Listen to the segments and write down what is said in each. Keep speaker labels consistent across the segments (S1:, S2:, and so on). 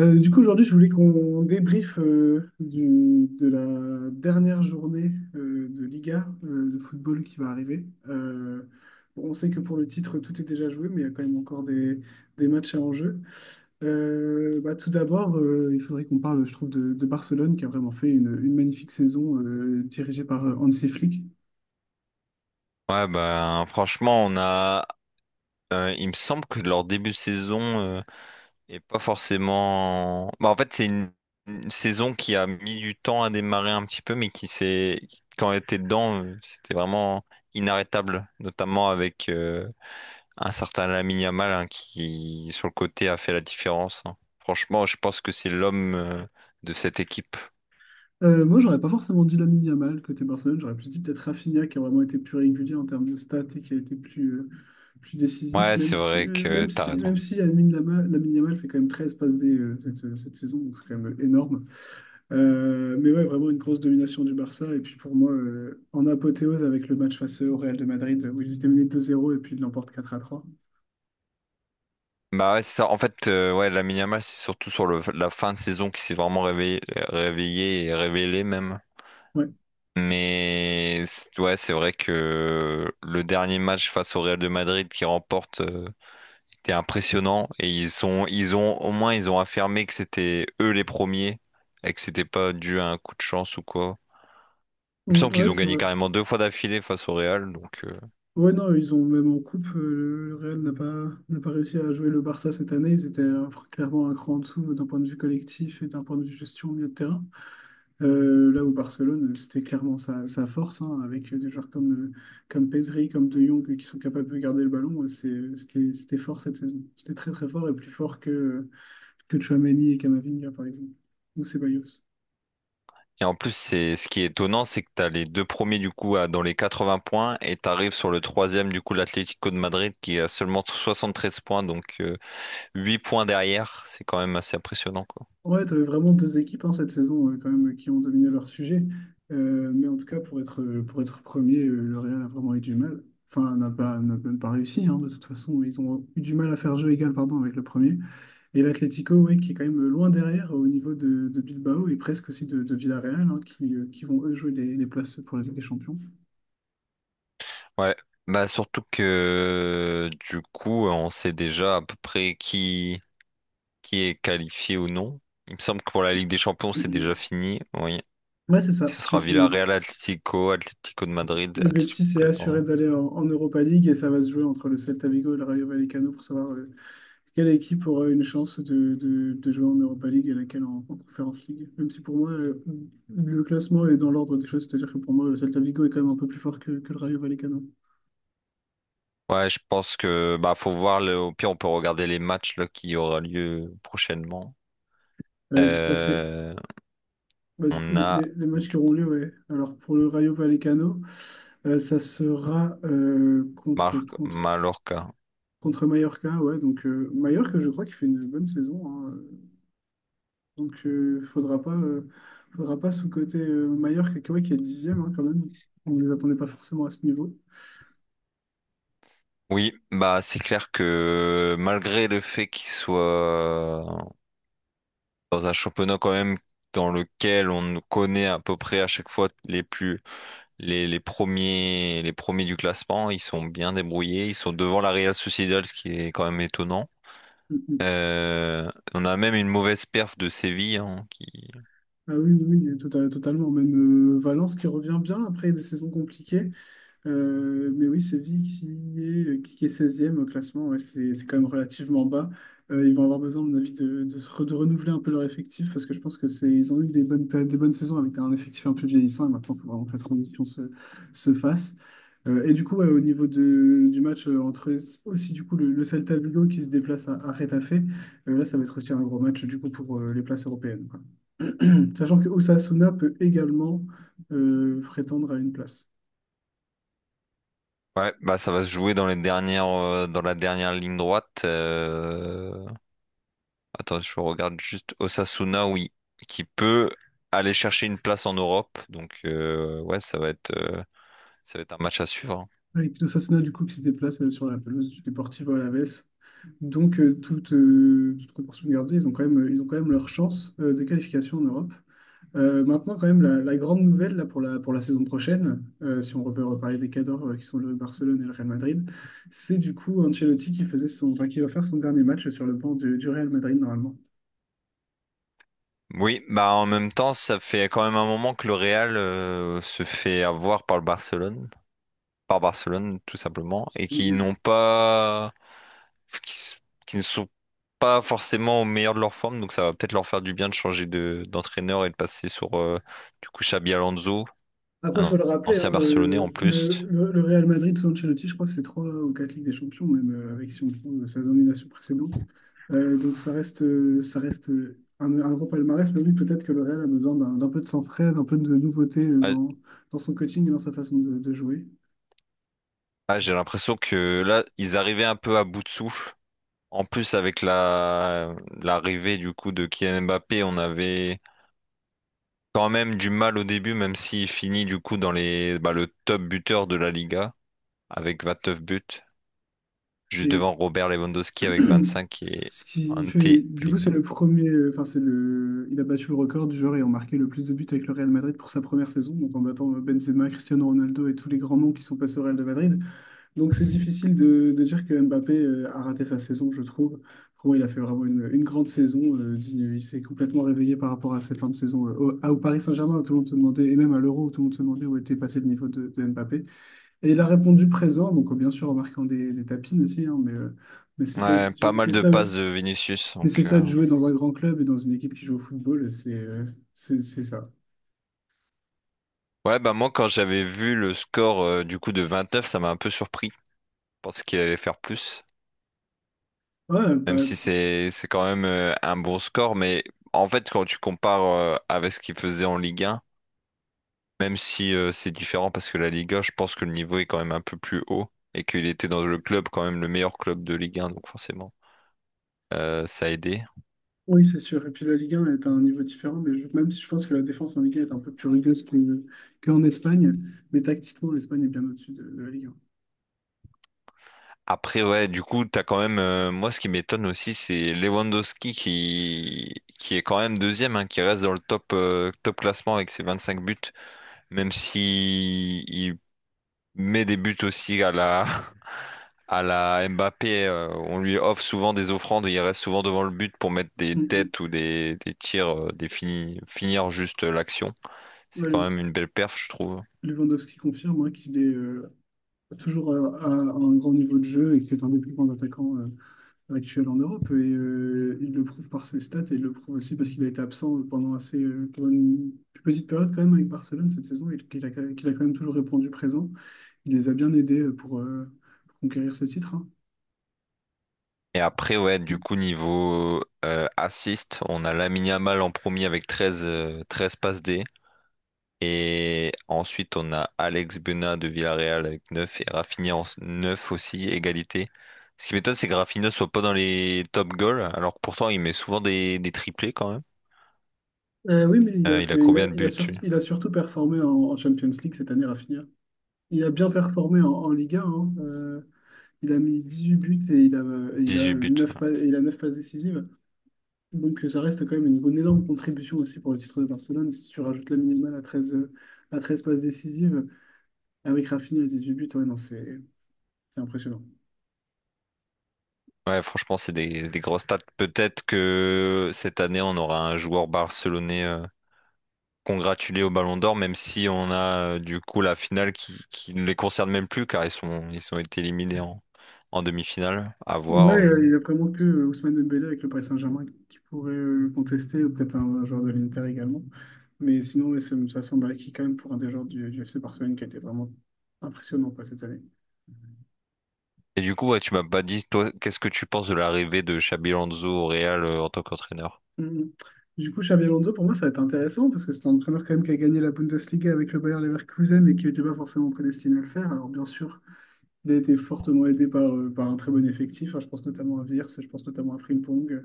S1: Aujourd'hui, je voulais qu'on débriefe de la dernière journée de Liga de football qui va arriver. Bon, on sait que pour le titre, tout est déjà joué, mais il y a quand même encore des matchs à enjeu. Tout d'abord, il faudrait qu'on parle, je trouve, de Barcelone qui a vraiment fait une magnifique saison dirigée par Hansi Flick.
S2: Ouais, ben franchement, on a. Il me semble que leur début de saison est pas forcément. Bah, en fait, c'est une saison qui a mis du temps à démarrer un petit peu, mais qui s'est. quand elle était dedans, c'était vraiment inarrêtable, notamment avec un certain Lamine Yamal, hein, qui, sur le côté, a fait la différence, hein. Franchement, je pense que c'est l'homme de cette équipe.
S1: Moi, j'aurais pas forcément dit Lamine Yamal côté Barcelone, j'aurais plus dit peut-être Rafinha qui a vraiment été plus régulier en termes de stats et qui a été plus décisif,
S2: Ouais, c'est vrai que t'as raison.
S1: même si Lamine Lamine Yamal fait quand même 13 passes D cette saison, donc c'est quand même énorme. Mais ouais, vraiment une grosse domination du Barça. Et puis pour moi, en apothéose avec le match face au Real de Madrid où ils étaient menés deux zéro et puis ils l'emportent quatre à trois.
S2: Bah ouais, c'est ça. En fait, ouais, la Yamal, c'est surtout sur le, la fin de saison qui s'est vraiment réveillé et révélé même.
S1: Ouais,
S2: Mais ouais, c'est vrai que le dernier match face au Real de Madrid qui remporte était impressionnant, et ils ont au moins ils ont affirmé que c'était eux les premiers et que c'était pas dû à un coup de chance ou quoi. Il me semble
S1: Ouais,
S2: qu'ils ont
S1: c'est
S2: gagné
S1: vrai.
S2: carrément deux fois d'affilée face au Real, donc.
S1: Ouais, non, ils ont même en coupe, le Real n'a pas réussi à jouer le Barça cette année. Ils étaient clairement un cran en dessous d'un point de vue collectif et d'un point de vue gestion au milieu de terrain. Là où Barcelone, c'était clairement sa force, hein, avec des joueurs comme Pedri, comme De Jong, qui sont capables de garder le ballon. C'était fort cette saison. C'était très très fort et plus fort que Tchouaméni et Camavinga, par exemple, ou Ceballos.
S2: Et en plus, c'est ce qui est étonnant, c'est que tu as les deux premiers du coup dans les 80 points, et tu arrives sur le troisième du coup l'Atlético de Madrid qui a seulement 73 points, donc 8 points derrière. C'est quand même assez impressionnant, quoi.
S1: Ouais, tu avais vraiment deux équipes hein, cette saison quand même qui ont dominé leur sujet. Mais en tout cas, pour être premier, le Real a vraiment eu du mal. Enfin, n'a même pas réussi, hein, de toute façon. Ils ont eu du mal à faire jeu égal, pardon, avec le premier. Et l'Atlético, ouais, qui est quand même loin derrière au niveau de Bilbao et presque aussi de Villarreal, hein, qui vont eux jouer les places pour la Ligue des Champions.
S2: Ouais, bah surtout que du coup on sait déjà à peu près qui est qualifié ou non. Il me semble que pour la Ligue des Champions c'est déjà fini. Oui.
S1: Ouais, c'est ça,
S2: Ce
S1: c'est
S2: sera
S1: fini.
S2: Villarreal, Atlético, Atlético de Madrid,
S1: Le
S2: Atlético
S1: Betis est
S2: Club,
S1: assuré
S2: pardon.
S1: d'aller en Europa League et ça va se jouer entre le Celta Vigo et le Rayo Vallecano pour savoir quelle équipe aura une chance de jouer en Europa League et laquelle en Conference League? Même si pour moi, le classement est dans l'ordre des choses, c'est-à-dire que pour moi, le Celta Vigo est quand même un peu plus fort que le Rayo Vallecano.
S2: Ouais, je pense que bah faut voir le, au pire on peut regarder les matchs là, qui aura lieu prochainement.
S1: Tout à fait.
S2: Euh,
S1: Bah, du coup,
S2: on a
S1: les matchs qui
S2: du
S1: auront lieu,
S2: coup
S1: ouais. Alors pour le Rayo Vallecano, euh, ça sera euh, contre,
S2: Marc
S1: contre,
S2: Mallorca.
S1: contre Mallorca, ouais. Donc Mallorca, je crois qu'il fait une bonne saison, hein. Donc euh, faudra pas sous-coter Mallorca, qui, ouais, qui est dixième hein, quand même. On ne les attendait pas forcément à ce niveau.
S2: Oui, bah c'est clair que malgré le fait qu'il soit dans un championnat quand même dans lequel on connaît à peu près à chaque fois les plus les premiers du classement, ils sont bien débrouillés, ils sont devant la Real Sociedad, ce qui est quand même étonnant.
S1: Mm, mm.
S2: On a même une mauvaise perf de Séville, hein, qui
S1: Ah oui, oui, oui, totalement. Même Valence qui revient bien après des saisons compliquées. Mais oui, Séville qui est 16 au classement, ouais, c'est quand même relativement bas. Ils vont avoir besoin, à mon avis, de renouveler un peu leur effectif parce que je pense que ils ont eu des bonnes saisons avec un effectif un peu vieillissant et maintenant, il faut vraiment que la transition se fasse. Et du coup, ouais, au niveau du match entre aussi du coup le Celta Vigo qui se déplace à Getafe, là, ça va être aussi un gros match du coup pour les places européennes, quoi. Sachant que Osasuna peut également prétendre à une place.
S2: ouais bah ça va se jouer dans les dernières dans la dernière ligne droite. Euh, attends, je regarde juste Osasuna, oui, qui peut aller chercher une place en Europe. Donc, ouais, ça va être un match à suivre, hein.
S1: Avec Pino Sassona, du coup, qui se déplace sur la pelouse du Deportivo Alavés. Donc, toute proportion gardée, ils ont quand même leur chance de qualification en Europe. Maintenant, quand même, la grande nouvelle là, pour pour la saison prochaine, si on veut reparler des cadors qui sont le Barcelone et le Real Madrid, c'est du coup Ancelotti qui faisait son, enfin, qui va faire son dernier match sur le banc du Real Madrid, normalement.
S2: Oui, bah en même temps, ça fait quand même un moment que le Real se fait avoir par Barcelone tout simplement, et qui n'ont pas, qui, s- qui ne sont pas forcément au meilleur de leur forme. Donc ça va peut-être leur faire du bien de changer de d'entraîneur et de passer sur du coup Xabi Alonso,
S1: Après,
S2: un
S1: il faut le rappeler, hein,
S2: ancien Barcelonais en plus.
S1: le Real Madrid sous Ancelotti, je crois que c'est trois ou quatre Ligues des Champions, même avec si on prend sa domination précédente. Donc ça reste un gros palmarès, mais oui, peut-être que le Real a besoin d'un peu de sang frais, d'un peu de nouveauté
S2: Euh,
S1: dans son coaching et dans sa façon de jouer.
S2: Ah, j'ai l'impression que là, ils arrivaient un peu à bout de souffle. En plus, avec la l'arrivée du coup de Kylian Mbappé, on avait quand même du mal au début, même s'il finit du coup le top buteur de la Liga avec 29 buts, juste
S1: Et
S2: devant Robert Lewandowski avec 25, et
S1: ce qui
S2: Ante
S1: fait, du coup,
S2: Pellegrini.
S1: c'est le, il a battu le record du joueur ayant marqué le plus de buts avec le Real Madrid pour sa première saison, donc en battant Benzema, Cristiano Ronaldo et tous les grands noms qui sont passés au Real de Madrid. Donc c'est difficile de dire que Mbappé a raté sa saison, je trouve. Pour moi, il a fait vraiment une grande saison. Il s'est complètement réveillé par rapport à cette fin de saison au Paris Saint-Germain, où tout le monde se demandait, et même à l'Euro, où tout le monde se demandait où était passé le niveau de Mbappé. Et il a répondu présent, donc bien sûr en marquant des tapines aussi, hein, mais c'est ça
S2: Ouais,
S1: aussi,
S2: pas mal
S1: c'est
S2: de
S1: ça
S2: passes
S1: aussi.
S2: de Vinicius.
S1: Mais
S2: Donc
S1: c'est ça
S2: euh.
S1: de jouer dans un grand club et dans une équipe qui joue au football, c'est ça.
S2: Ouais, bah moi quand j'avais vu le score du coup de 29, ça m'a un peu surpris. Je pensais qu'il allait faire plus.
S1: Ouais,
S2: Même
S1: bah,
S2: si c'est quand même un bon score, mais en fait, quand tu compares avec ce qu'il faisait en Ligue 1, même si c'est différent parce que la Ligue 1, je pense que le niveau est quand même un peu plus haut et qu'il était dans le club, quand même le meilleur club de Ligue 1, donc forcément, ça a aidé.
S1: oui, c'est sûr. Et puis la Ligue 1 est à un niveau différent, même si je pense que la défense en Ligue 1 est un peu plus rigueuse qu'en Espagne, mais tactiquement, l'Espagne est bien au-dessus de la Ligue 1.
S2: Après, ouais, du coup, t'as quand même, moi, ce qui m'étonne aussi, c'est Lewandowski qui est quand même deuxième, hein, qui reste dans le top classement avec ses 25 buts, même si il met des buts aussi à la Mbappé, on lui offre souvent des offrandes, et il reste souvent devant le but pour mettre des
S1: Mm, mm.
S2: têtes ou des tirs, finir juste l'action. C'est
S1: Ouais,
S2: quand
S1: Lew-
S2: même une belle perf, je trouve.
S1: Lewandowski confirme hein, qu'il est toujours à un grand niveau de jeu et que c'est un des plus grands attaquants actuels en Europe. Et il le prouve par ses stats et il le prouve aussi parce qu'il a été absent pendant pendant une plus petite période quand même avec Barcelone cette saison et qu'il a quand même toujours répondu présent. Il les a bien aidés pour conquérir ce titre, hein.
S2: Et après, ouais, du coup, niveau assist, on a Lamine Yamal en premier avec 13 13 passes D. Et ensuite, on a Alex Bena de Villarreal avec 9 et Rafinha en 9 aussi, égalité. Ce qui m'étonne, c'est que Rafinha soit pas dans les top goals, alors que pourtant, il met souvent des triplés quand même.
S1: Oui, mais il a
S2: Il a
S1: fait,
S2: combien de
S1: il a,
S2: buts?
S1: sur- il a surtout performé en Champions League cette année, Rafinha. Il a bien performé en Ligue 1, hein. Il a mis 18 buts et il a
S2: 18 buts.
S1: 9
S2: Ouais.
S1: passes, il a 9 passes décisives. Donc ça reste quand même une énorme contribution aussi pour le titre de Barcelone. Si tu rajoutes la minimale à 13 à 13 passes décisives, avec Rafinha à huit buts, ouais, non, c'est impressionnant.
S2: Ouais, franchement, c'est des grosses stats. Peut-être que cette année, on aura un joueur barcelonais congratulé au Ballon d'Or, même si on a du coup la finale qui ne les concerne même plus, car ils ont été éliminés en demi-finale. À
S1: Ouais,
S2: voir.
S1: il n'y a vraiment que Ousmane Dembélé avec le Paris Saint-Germain qui pourrait le contester, ou peut-être un joueur de l'Inter également. Mais sinon, ouais, ça semble acquis quand même pour un des joueurs du FC Barcelone qui a été vraiment impressionnant quoi, cette année.
S2: Et du coup, ouais, tu m'as pas dit, toi, qu'est-ce que tu penses de l'arrivée de Xabi Alonso au Real en tant qu'entraîneur?
S1: Mhm. Du coup, Xabi Alonso, pour moi, ça va être intéressant parce que c'est un entraîneur quand même qui a gagné la Bundesliga avec le Bayer Leverkusen et qui n'était pas forcément prédestiné à le faire. Alors bien sûr, il a été fortement aidé par un très bon effectif. Hein, je pense notamment à Wirtz, je pense notamment à Frimpong.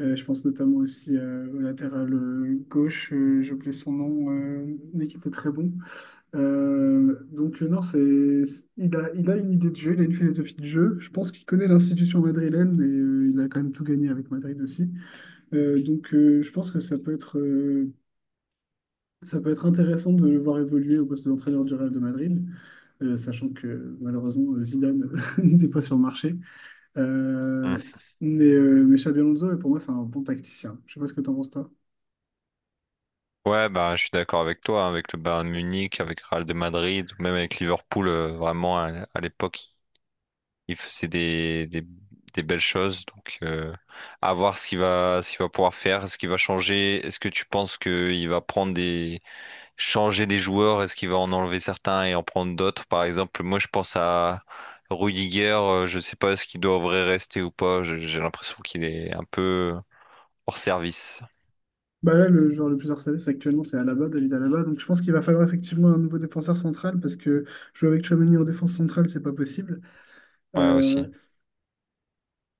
S1: Je pense notamment aussi au latéral gauche, j'ai oublié son nom, mais qui était très bon. Non, il a une idée de jeu, il a une philosophie de jeu. Je pense qu'il connaît l'institution madrilène et il a quand même tout gagné avec Madrid aussi. Donc je pense que ça peut être intéressant de le voir évoluer au poste d'entraîneur du Real de Madrid, sachant que malheureusement Zidane n'était pas sur le marché.
S2: Hmm.
S1: Euh, mais mais Xabi Alonso, pour moi, c'est un bon tacticien. Je sais pas ce que t'en penses, toi.
S2: Ouais, bah, je suis d'accord avec toi, hein, avec le Bayern de Munich, avec Real de Madrid, ou même avec Liverpool, vraiment à l'époque. C'est des belles choses. Donc, à voir ce qu'il va pouvoir faire, ce qu'il va changer. Est-ce que tu penses qu'il va changer des joueurs? Est-ce qu'il va en enlever certains et en prendre d'autres? Par exemple, moi, je pense à Rudiger. Je sais pas ce qu'il devrait rester ou pas. J'ai l'impression qu'il est un peu hors service.
S1: Bah là, le joueur le plus harcelé, c'est actuellement, c'est Alaba, David Alaba. Donc je pense qu'il va falloir effectivement un nouveau défenseur central parce que jouer avec Tchouaméni en défense centrale, c'est pas possible.
S2: Ouais, aussi.
S1: Euh,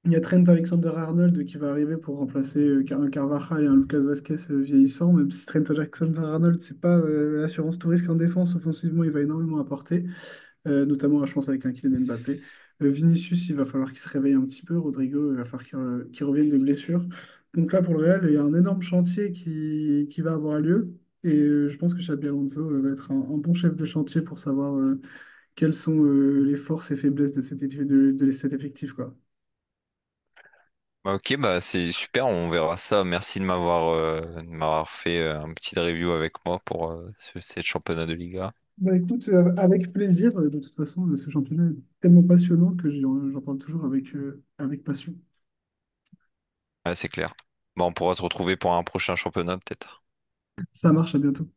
S1: il y a Trent Alexander-Arnold qui va arriver pour remplacer un Carvajal et un Lucas Vasquez vieillissant, même si Trent Alexander-Arnold, c'est pas l'assurance tout risque en défense. Offensivement, il va énormément apporter. Notamment, je pense, avec un Kylian Mbappé. Vinicius, il va falloir qu'il se réveille un petit peu. Rodrigo, il va falloir qu'il revienne de blessure. Donc là, pour le Real, il y a un énorme chantier qui va avoir lieu. Et je pense que Xabi Alonso va être un bon chef de chantier pour savoir quelles sont les forces et faiblesses de cet effectif, quoi.
S2: Bah, ok, bah c'est super, on verra ça. Merci de m'avoir fait un petit review avec moi pour cette championnat de Liga.
S1: Bah écoute, avec plaisir. De toute façon, ce championnat est tellement passionnant que j'en parle toujours avec passion.
S2: Ouais, c'est clair. Bon, on pourra se retrouver pour un prochain championnat, peut-être.
S1: Ça marche, à bientôt.